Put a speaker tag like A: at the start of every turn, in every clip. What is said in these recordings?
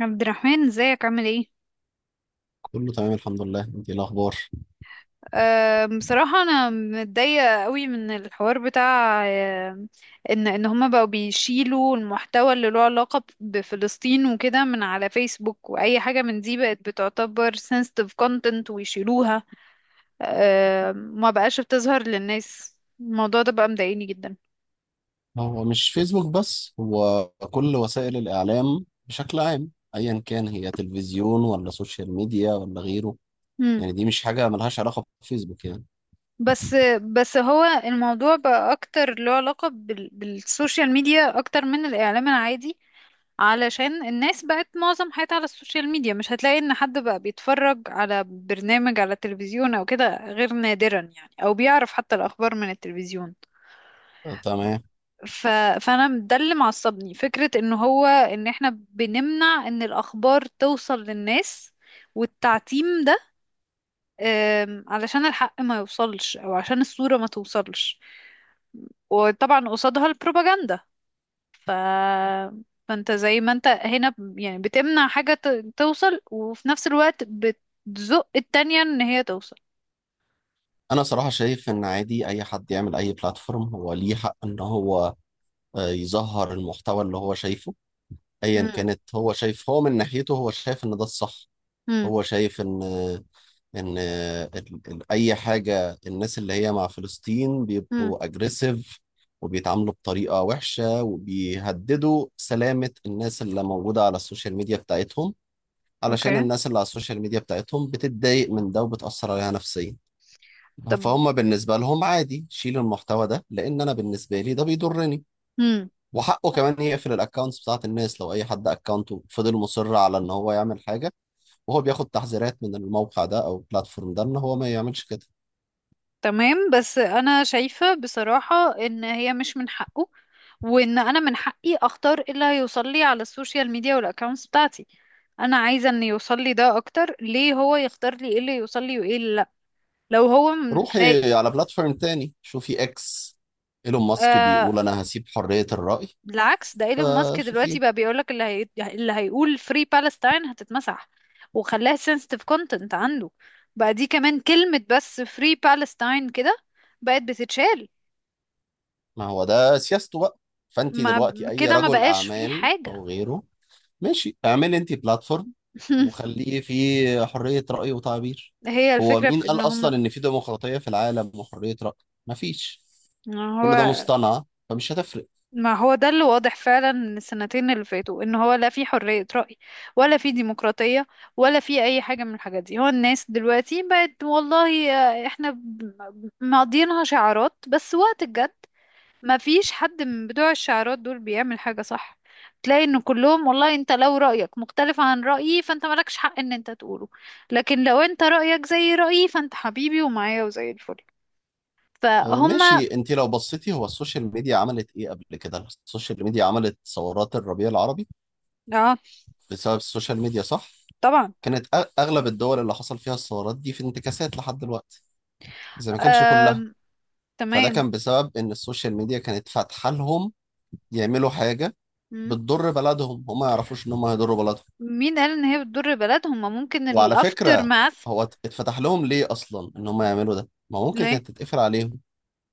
A: عبد الرحمن، ازيك؟ عامل ايه؟
B: كله تمام الحمد لله، انت ايه الاخبار؟
A: بصراحة انا متضايقة قوي من الحوار بتاع ان هما بقوا بيشيلوا المحتوى اللي له علاقة بفلسطين وكده من على فيسبوك، واي حاجة من دي بقت بتعتبر sensitive content ويشيلوها. ما بقاش بتظهر للناس. الموضوع ده بقى مضايقني جدا.
B: هو مش فيسبوك بس، هو كل وسائل الاعلام بشكل عام، ايا كان، هي تلفزيون ولا سوشيال ميديا ولا غيره.
A: مم.
B: يعني دي مش حاجه ملهاش علاقه بفيسبوك يعني.
A: بس بس هو الموضوع بقى اكتر له علاقة بالسوشيال ميديا اكتر من الاعلام العادي، علشان الناس بقت معظم حياتها على السوشيال ميديا. مش هتلاقي ان حد بقى بيتفرج على برنامج على التلفزيون او كده غير نادرا، يعني، او بيعرف حتى الاخبار من التلفزيون.
B: آه، تمام.
A: ف... فانا ده اللي معصبني، فكرة ان هو ان احنا بنمنع ان الاخبار توصل للناس والتعتيم ده، علشان الحق ما يوصلش او عشان الصورة ما توصلش، وطبعا قصادها البروباجندا. ف... فانت زي ما انت هنا يعني بتمنع حاجة توصل، وفي نفس الوقت بتزق التانية ان هي توصل.
B: انا صراحه شايف ان عادي اي حد يعمل اي بلاتفورم هو ليه حق ان هو يظهر المحتوى اللي هو شايفه. ايا
A: مم.
B: كانت هو شايف، هو من ناحيته هو شايف ان ده الصح.
A: مم.
B: هو شايف ان اي حاجه الناس اللي هي مع فلسطين
A: مم.
B: بيبقوا اجريسيف، وبيتعاملوا بطريقه وحشه، وبيهددوا سلامه الناس اللي موجوده على السوشيال ميديا بتاعتهم.
A: اوكي.
B: علشان الناس اللي على السوشيال ميديا بتاعتهم بتتضايق من ده وبتاثر عليها نفسيا.
A: طب.
B: فهم بالنسبه لهم عادي شيل المحتوى ده، لان انا بالنسبه لي ده بيضرني.
A: مم.
B: وحقه كمان يقفل الاكونتس بتاعت الناس لو اي حد اكونته فضل مصر على ان هو يعمل حاجه، وهو بياخد تحذيرات من الموقع ده او البلاتفورم ده ان هو ما يعملش كده.
A: تمام. بس انا شايفة بصراحة ان هي مش من حقه، وان انا من حقي اختار ايه اللي هيوصل لي على السوشيال ميديا والاكونتس بتاعتي. انا عايزة ان يوصل لي ده اكتر. ليه هو يختار لي ايه اللي يوصل لي وايه اللي لا؟ لو هو من-
B: روحي على بلاتفورم تاني، شوفي اكس. ايلون ماسك
A: خايف.
B: بيقول انا هسيب حرية الرأي.
A: بالعكس، ده ايلون ماسك دلوقتي
B: فشوفي.
A: بقى بيقولك اللي هيقول فري بالستاين هتتمسح وخلاها sensitive content عنده. بقى دي كمان كلمة بس، فري بالستاين كده، بقت بتتشال.
B: ما هو ده سياسته بقى. فانت
A: ما
B: دلوقتي اي
A: كده ما
B: رجل
A: بقاش في
B: اعمال
A: حاجة.
B: او غيره. ماشي، اعملي انت بلاتفورم وخليه فيه حرية رأي وتعبير.
A: هي
B: هو
A: الفكرة
B: مين
A: في ان
B: قال
A: هما
B: اصلا ان في ديمقراطية في العالم وحرية رأي؟ مفيش.
A: إن
B: كل ده
A: هو.
B: مصطنع فمش هتفرق.
A: ما هو ده اللي واضح فعلا من السنتين اللي فاتوا، ان هو لا في حرية رأي ولا في ديمقراطية ولا في اي حاجة من الحاجات دي. هو الناس دلوقتي بقت والله احنا مقضيينها شعارات بس. وقت الجد ما فيش حد من بتوع الشعارات دول بيعمل حاجة صح. تلاقي ان كلهم والله، انت لو رأيك مختلف عن رأيي فانت مالكش حق ان انت تقوله، لكن لو انت رأيك زي رأيي فانت حبيبي ومعايا وزي الفل. فهم.
B: ماشي، انت لو بصيتي هو السوشيال ميديا عملت ايه قبل كده؟ السوشيال ميديا عملت ثورات الربيع العربي.
A: اه.
B: بسبب السوشيال ميديا، صح.
A: طبعا.
B: كانت اغلب الدول اللي حصل فيها الثورات دي في انتكاسات لحد دلوقتي، زي ما كانش كلها.
A: آم...
B: فده
A: تمام.
B: كان بسبب ان السوشيال ميديا كانت فاتحه لهم يعملوا حاجه بتضر بلدهم، هم ما يعرفوش ان هم هيضروا بلدهم.
A: مين قال ان هي بتضر بلدهم؟ ما ممكن
B: وعلى
A: الافتر
B: فكره،
A: ماث.
B: هو اتفتح لهم ليه اصلا ان هم يعملوا ده؟ ما ممكن
A: ليه؟
B: كانت تتقفل عليهم.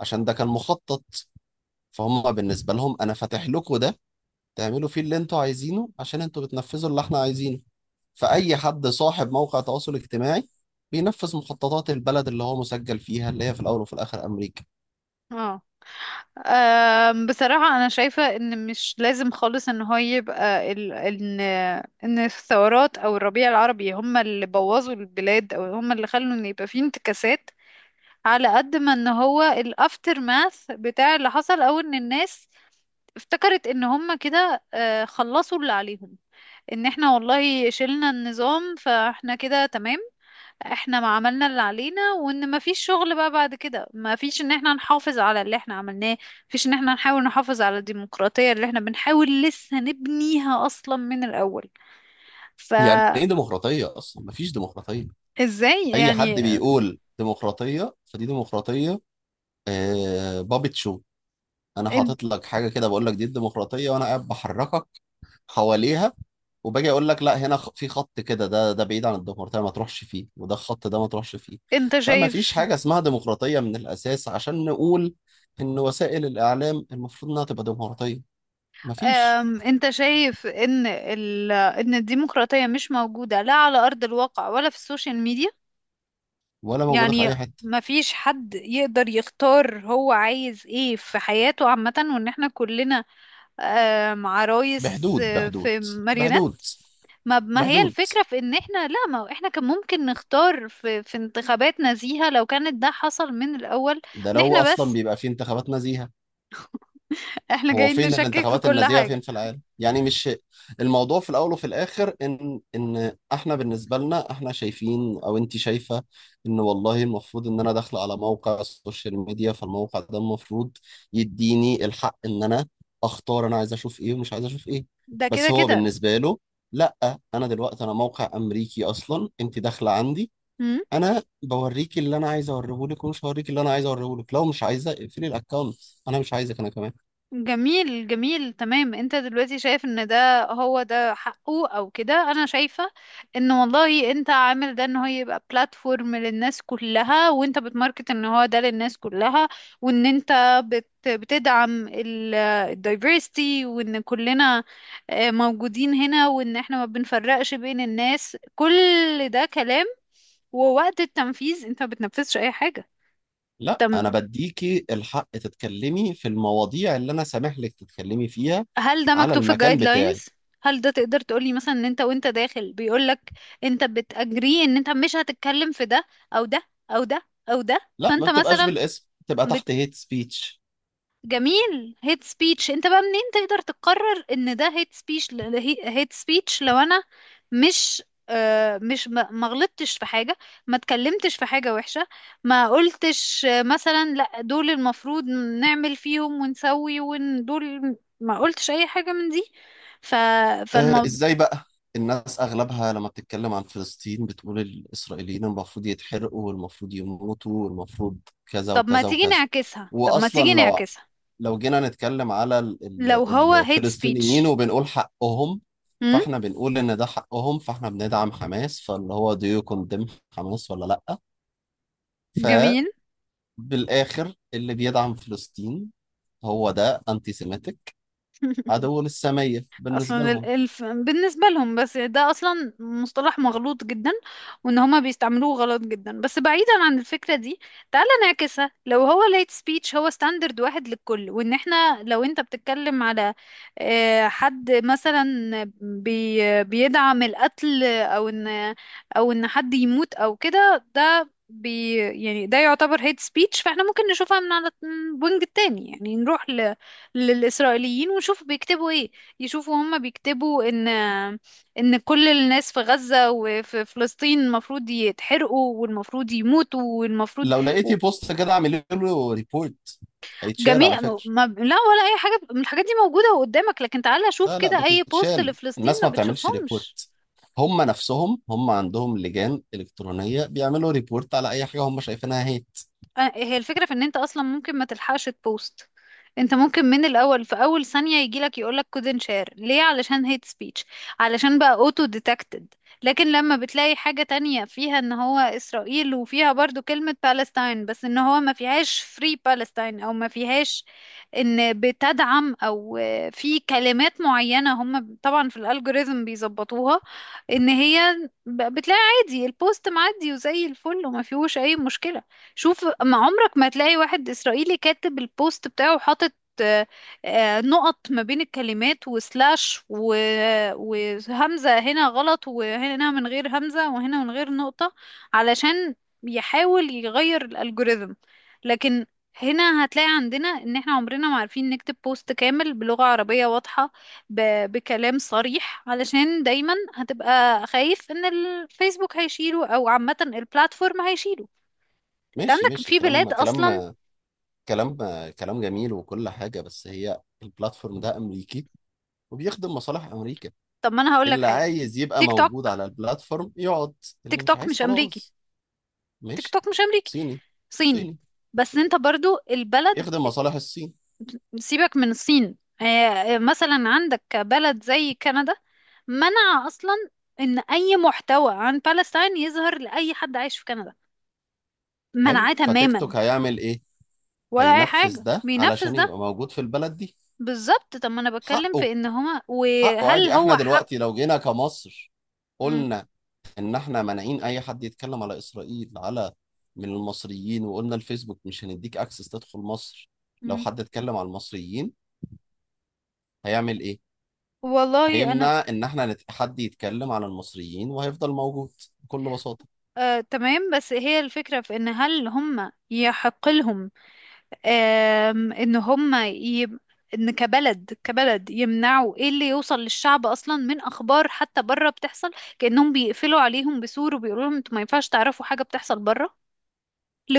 B: عشان ده كان مخطط. فهم بالنسبه لهم انا فاتح لكم ده تعملوا فيه اللي انتوا عايزينه، عشان انتوا بتنفذوا اللي احنا عايزينه. فأي حد صاحب موقع تواصل اجتماعي بينفذ مخططات البلد اللي هو مسجل فيها، اللي هي في الأول وفي الآخر أمريكا.
A: اه. بصراحة أنا شايفة إن مش لازم خالص إن هو يبقى إن إن الثورات أو الربيع العربي هم اللي بوظوا البلاد أو هم اللي خلوا إن يبقى فيه انتكاسات. على قد ما إن هو الأفتر ماث بتاع اللي حصل، أو إن الناس افتكرت ان هم كده خلصوا اللي عليهم. ان احنا والله شلنا النظام فاحنا كده تمام، احنا ما عملنا اللي علينا، وان ما فيش شغل بقى بعد كده، ما فيش ان احنا نحافظ على اللي احنا عملناه، فيش ان احنا نحاول نحافظ على الديمقراطية اللي احنا بنحاول لسه نبنيها اصلا من الاول.
B: يعني
A: فازاي؟
B: إيه ديمقراطية أصلا؟ مفيش ديمقراطية. أي حد
A: يعني.
B: بيقول ديمقراطية فدي ديمقراطية. آه، بابت شو. أنا
A: ان-
B: حاطط لك حاجة كده بقول لك دي الديمقراطية، وأنا قاعد بحركك حواليها. وباجي اقول لك لا، هنا في خط كده، ده بعيد عن الديمقراطيه ما تروحش فيه، وده الخط ده ما تروحش فيه.
A: انت
B: فما فيش
A: شايف.
B: حاجه اسمها ديمقراطيه من الاساس عشان نقول ان وسائل الاعلام المفروض انها تبقى ديمقراطيه. ما فيش.
A: انت شايف ان ان الديمقراطية مش موجودة لا على ارض الواقع ولا في السوشيال ميديا.
B: ولا موجوده في
A: يعني
B: اي حته.
A: ما فيش حد يقدر يختار هو عايز ايه في حياته عامة، وان احنا كلنا مع رايس
B: بحدود، بحدود،
A: في ماريونات.
B: بحدود،
A: ما هي
B: بحدود.
A: الفكرة في ان احنا لا، ما احنا كان ممكن نختار في انتخابات نزيهة لو كانت ده حصل من الاول.
B: ده
A: ان
B: لو
A: احنا
B: اصلا
A: بس،
B: بيبقى في انتخابات نزيهه.
A: احنا
B: هو
A: جايين
B: فين
A: نشكك في
B: الانتخابات
A: كل
B: النزيهة
A: حاجة.
B: فين في العالم؟ يعني مش، الموضوع في الأول وفي الآخر إن إحنا بالنسبة لنا، إحنا شايفين أو أنت شايفة إن والله المفروض إن أنا داخلة على موقع السوشيال ميديا، فالموقع ده المفروض يديني الحق إن أنا أختار، أنا عايز أشوف إيه ومش عايز أشوف إيه.
A: ده كده
B: بس هو
A: كده.
B: بالنسبة له، لأ، أنا دلوقتي أنا موقع أمريكي أصلا، أنت داخلة عندي، أنا بوريك اللي أنا عايز أوريهولك، ومش هوريك اللي أنا عايز أوريهولك. لو مش عايزة اقفلي الأكونت. أنا مش عايزك. أنا كمان،
A: جميل، جميل، تمام. انت دلوقتي شايف ان ده، هو ده حقه او كده. انا شايفة ان والله انت عامل ده ان هو يبقى بلاتفورم للناس كلها، وانت بتماركت ان هو ده للناس كلها، وان انت بتدعم الدايفرستي، وان كلنا موجودين هنا، وان احنا ما بنفرقش بين الناس. كل ده كلام. ووقت التنفيذ انت ما بتنفذش اي
B: لا، انا
A: حاجة.
B: بديكي الحق تتكلمي في المواضيع اللي انا سامح لك تتكلمي فيها
A: هل ده
B: على
A: مكتوب في
B: المكان
A: الجايد
B: بتاعي.
A: لاينز؟ هل ده تقدر تقولي مثلا ان انت وانت داخل بيقولك انت بتأجري ان انت مش هتتكلم في ده او ده او ده او ده؟
B: لا، ما
A: فانت
B: بتبقاش
A: مثلا.
B: بالاسم، بتبقى تحت هيت سبيتش.
A: جميل، هيت سبيتش. انت بقى منين تقدر تقرر ان ده هيت سبيتش؟ هيت سبيتش لو انا مش مش ما غلطتش في حاجة، ما اتكلمتش في حاجة وحشة، ما قلتش مثلا لا دول المفروض نعمل فيهم ونسوي ودول، ما قلتش اي حاجة من دي. ف
B: آه،
A: فالموضوع.
B: ازاي بقى؟ الناس اغلبها لما بتتكلم عن فلسطين بتقول الاسرائيليين المفروض يتحرقوا والمفروض يموتوا والمفروض كذا
A: طب ما
B: وكذا
A: تيجي
B: وكذا.
A: نعكسها، طب ما
B: واصلا
A: تيجي
B: لو،
A: نعكسها
B: جينا نتكلم على
A: لو هو هيت
B: الفلسطينيين
A: سبيتش.
B: وبنقول حقهم،
A: امم.
B: فاحنا بنقول ان ده حقهم، فاحنا بندعم حماس، فاللي هو do you condemn حماس ولا لا.
A: جميل.
B: فبالاخر اللي بيدعم فلسطين هو ده انتي سيميتك، عدو للساميه بالنسبه
A: اصلا
B: لهم.
A: الالف بالنسبه لهم. بس ده اصلا مصطلح مغلوط جدا وان هما بيستعملوه غلط جدا. بس بعيدا عن الفكره دي، تعالى نعكسها. لو هو late speech هو ستاندرد واحد للكل، وان احنا لو انت بتتكلم على حد مثلا بيدعم القتل او ان او ان حد يموت او كده، ده بي يعني ده يعتبر hate speech. فاحنا ممكن نشوفها من على الوينج التاني، يعني نروح للإسرائيليين ونشوف بيكتبوا ايه. يشوفوا هم بيكتبوا ان ان كل الناس في غزة وفي فلسطين المفروض يتحرقوا والمفروض يموتوا والمفروض.
B: لو
A: و-
B: لقيتي بوست كده اعملي له ريبورت، هيتشال على
A: جميع
B: فكره.
A: ما لا، ولا اي حاجة من الحاجات دي موجودة قدامك. لكن تعالى شوف
B: لا، لا،
A: كده اي بوست
B: بتتشال.
A: لفلسطين
B: الناس
A: ما
B: ما بتعملش
A: بتشوفهمش.
B: ريبورت. هم نفسهم، هم عندهم لجان الكترونيه بيعملوا ريبورت على اي حاجه هم شايفينها هيت.
A: هي الفكرة في ان انت اصلا ممكن ما تلحقش تبوست. انت ممكن من الاول في اول ثانية يجيلك يقولك couldn't share، ليه؟ علشان hate speech، علشان بقى auto detected. لكن لما بتلاقي حاجة تانية فيها ان هو اسرائيل وفيها برضو كلمة Palestine، بس ان هو ما فيهاش free Palestine او ما فيهاش ان بتدعم، او في كلمات معينة هم طبعا في الالجوريزم بيظبطوها، ان هي بتلاقي عادي البوست معدي وزي الفل وما فيهوش اي مشكلة. شوف، ما عمرك ما هتلاقي واحد إسرائيلي كاتب البوست بتاعه وحاطط آه، نقط ما بين الكلمات وسلاش وهمزة هنا غلط وهنا من غير همزة وهنا من غير نقطة، علشان يحاول يغير الألجوريثم. لكن هنا هتلاقي عندنا ان احنا عمرنا ما عارفين نكتب بوست كامل بلغة عربية واضحة بكلام صريح، علشان دايما هتبقى خايف ان الفيسبوك هيشيله او عامة البلاتفورم هيشيله. انت
B: ماشي،
A: عندك
B: ماشي،
A: في
B: كلام،
A: بلاد اصلا.
B: كلام. كلام، كلام جميل وكل حاجه، بس هي البلاتفورم ده امريكي وبيخدم مصالح امريكا.
A: طب ما انا هقول لك
B: اللي
A: حاجه.
B: عايز يبقى
A: تيك
B: موجود
A: توك.
B: على البلاتفورم يقعد، اللي
A: تيك
B: مش
A: توك
B: عايز
A: مش امريكي.
B: خلاص.
A: تيك
B: ماشي.
A: توك مش امريكي.
B: صيني.
A: صيني.
B: صيني.
A: بس انت برضو البلد.
B: يخدم مصالح الصين.
A: سيبك من الصين. مثلا عندك بلد زي كندا، منع اصلا ان اي محتوى عن بالستاين يظهر لاي حد عايش في كندا،
B: حلو،
A: منعاه
B: فتيك
A: تماما.
B: توك هيعمل ايه؟
A: ولا اي
B: هينفذ
A: حاجه
B: ده
A: بينفذ
B: علشان
A: ده.
B: يبقى موجود في البلد دي.
A: بالظبط. طب ما انا بتكلم
B: حقه.
A: في ان هما،
B: حقه
A: وهل
B: عادي. احنا
A: هو حق؟
B: دلوقتي لو جينا كمصر
A: مم.
B: قلنا ان احنا مانعين اي حد يتكلم على اسرائيل، على، من المصريين، وقلنا الفيسبوك مش هنديك اكسس تدخل مصر. لو
A: مم.
B: حد اتكلم على المصريين هيعمل ايه؟
A: والله انا.
B: هيمنع ان احنا حد يتكلم على المصريين، وهيفضل موجود بكل بساطة.
A: تمام. بس هي الفكرة في ان هل هم يحق لهم ان ان كبلد، كبلد يمنعوا ايه اللي يوصل للشعب اصلا من اخبار حتى بره بتحصل. كأنهم بيقفلوا عليهم بسور وبيقولوا لهم انتوا ما ينفعش تعرفوا حاجة بتحصل بره،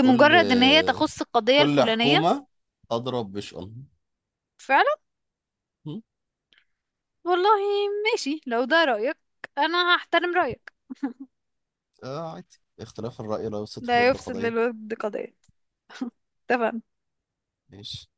B: كل
A: ان هي تخص القضية
B: كل
A: الفلانية.
B: حكومة أضرب بشؤونها.
A: فعلا.
B: م؟
A: والله. ماشي، لو ده رأيك انا هحترم رأيك.
B: آه، عادي، اختلاف الرأي لا يفسد
A: ده
B: في الود
A: يفسد
B: قضية.
A: للود قضية. اتفقنا.
B: ماشي.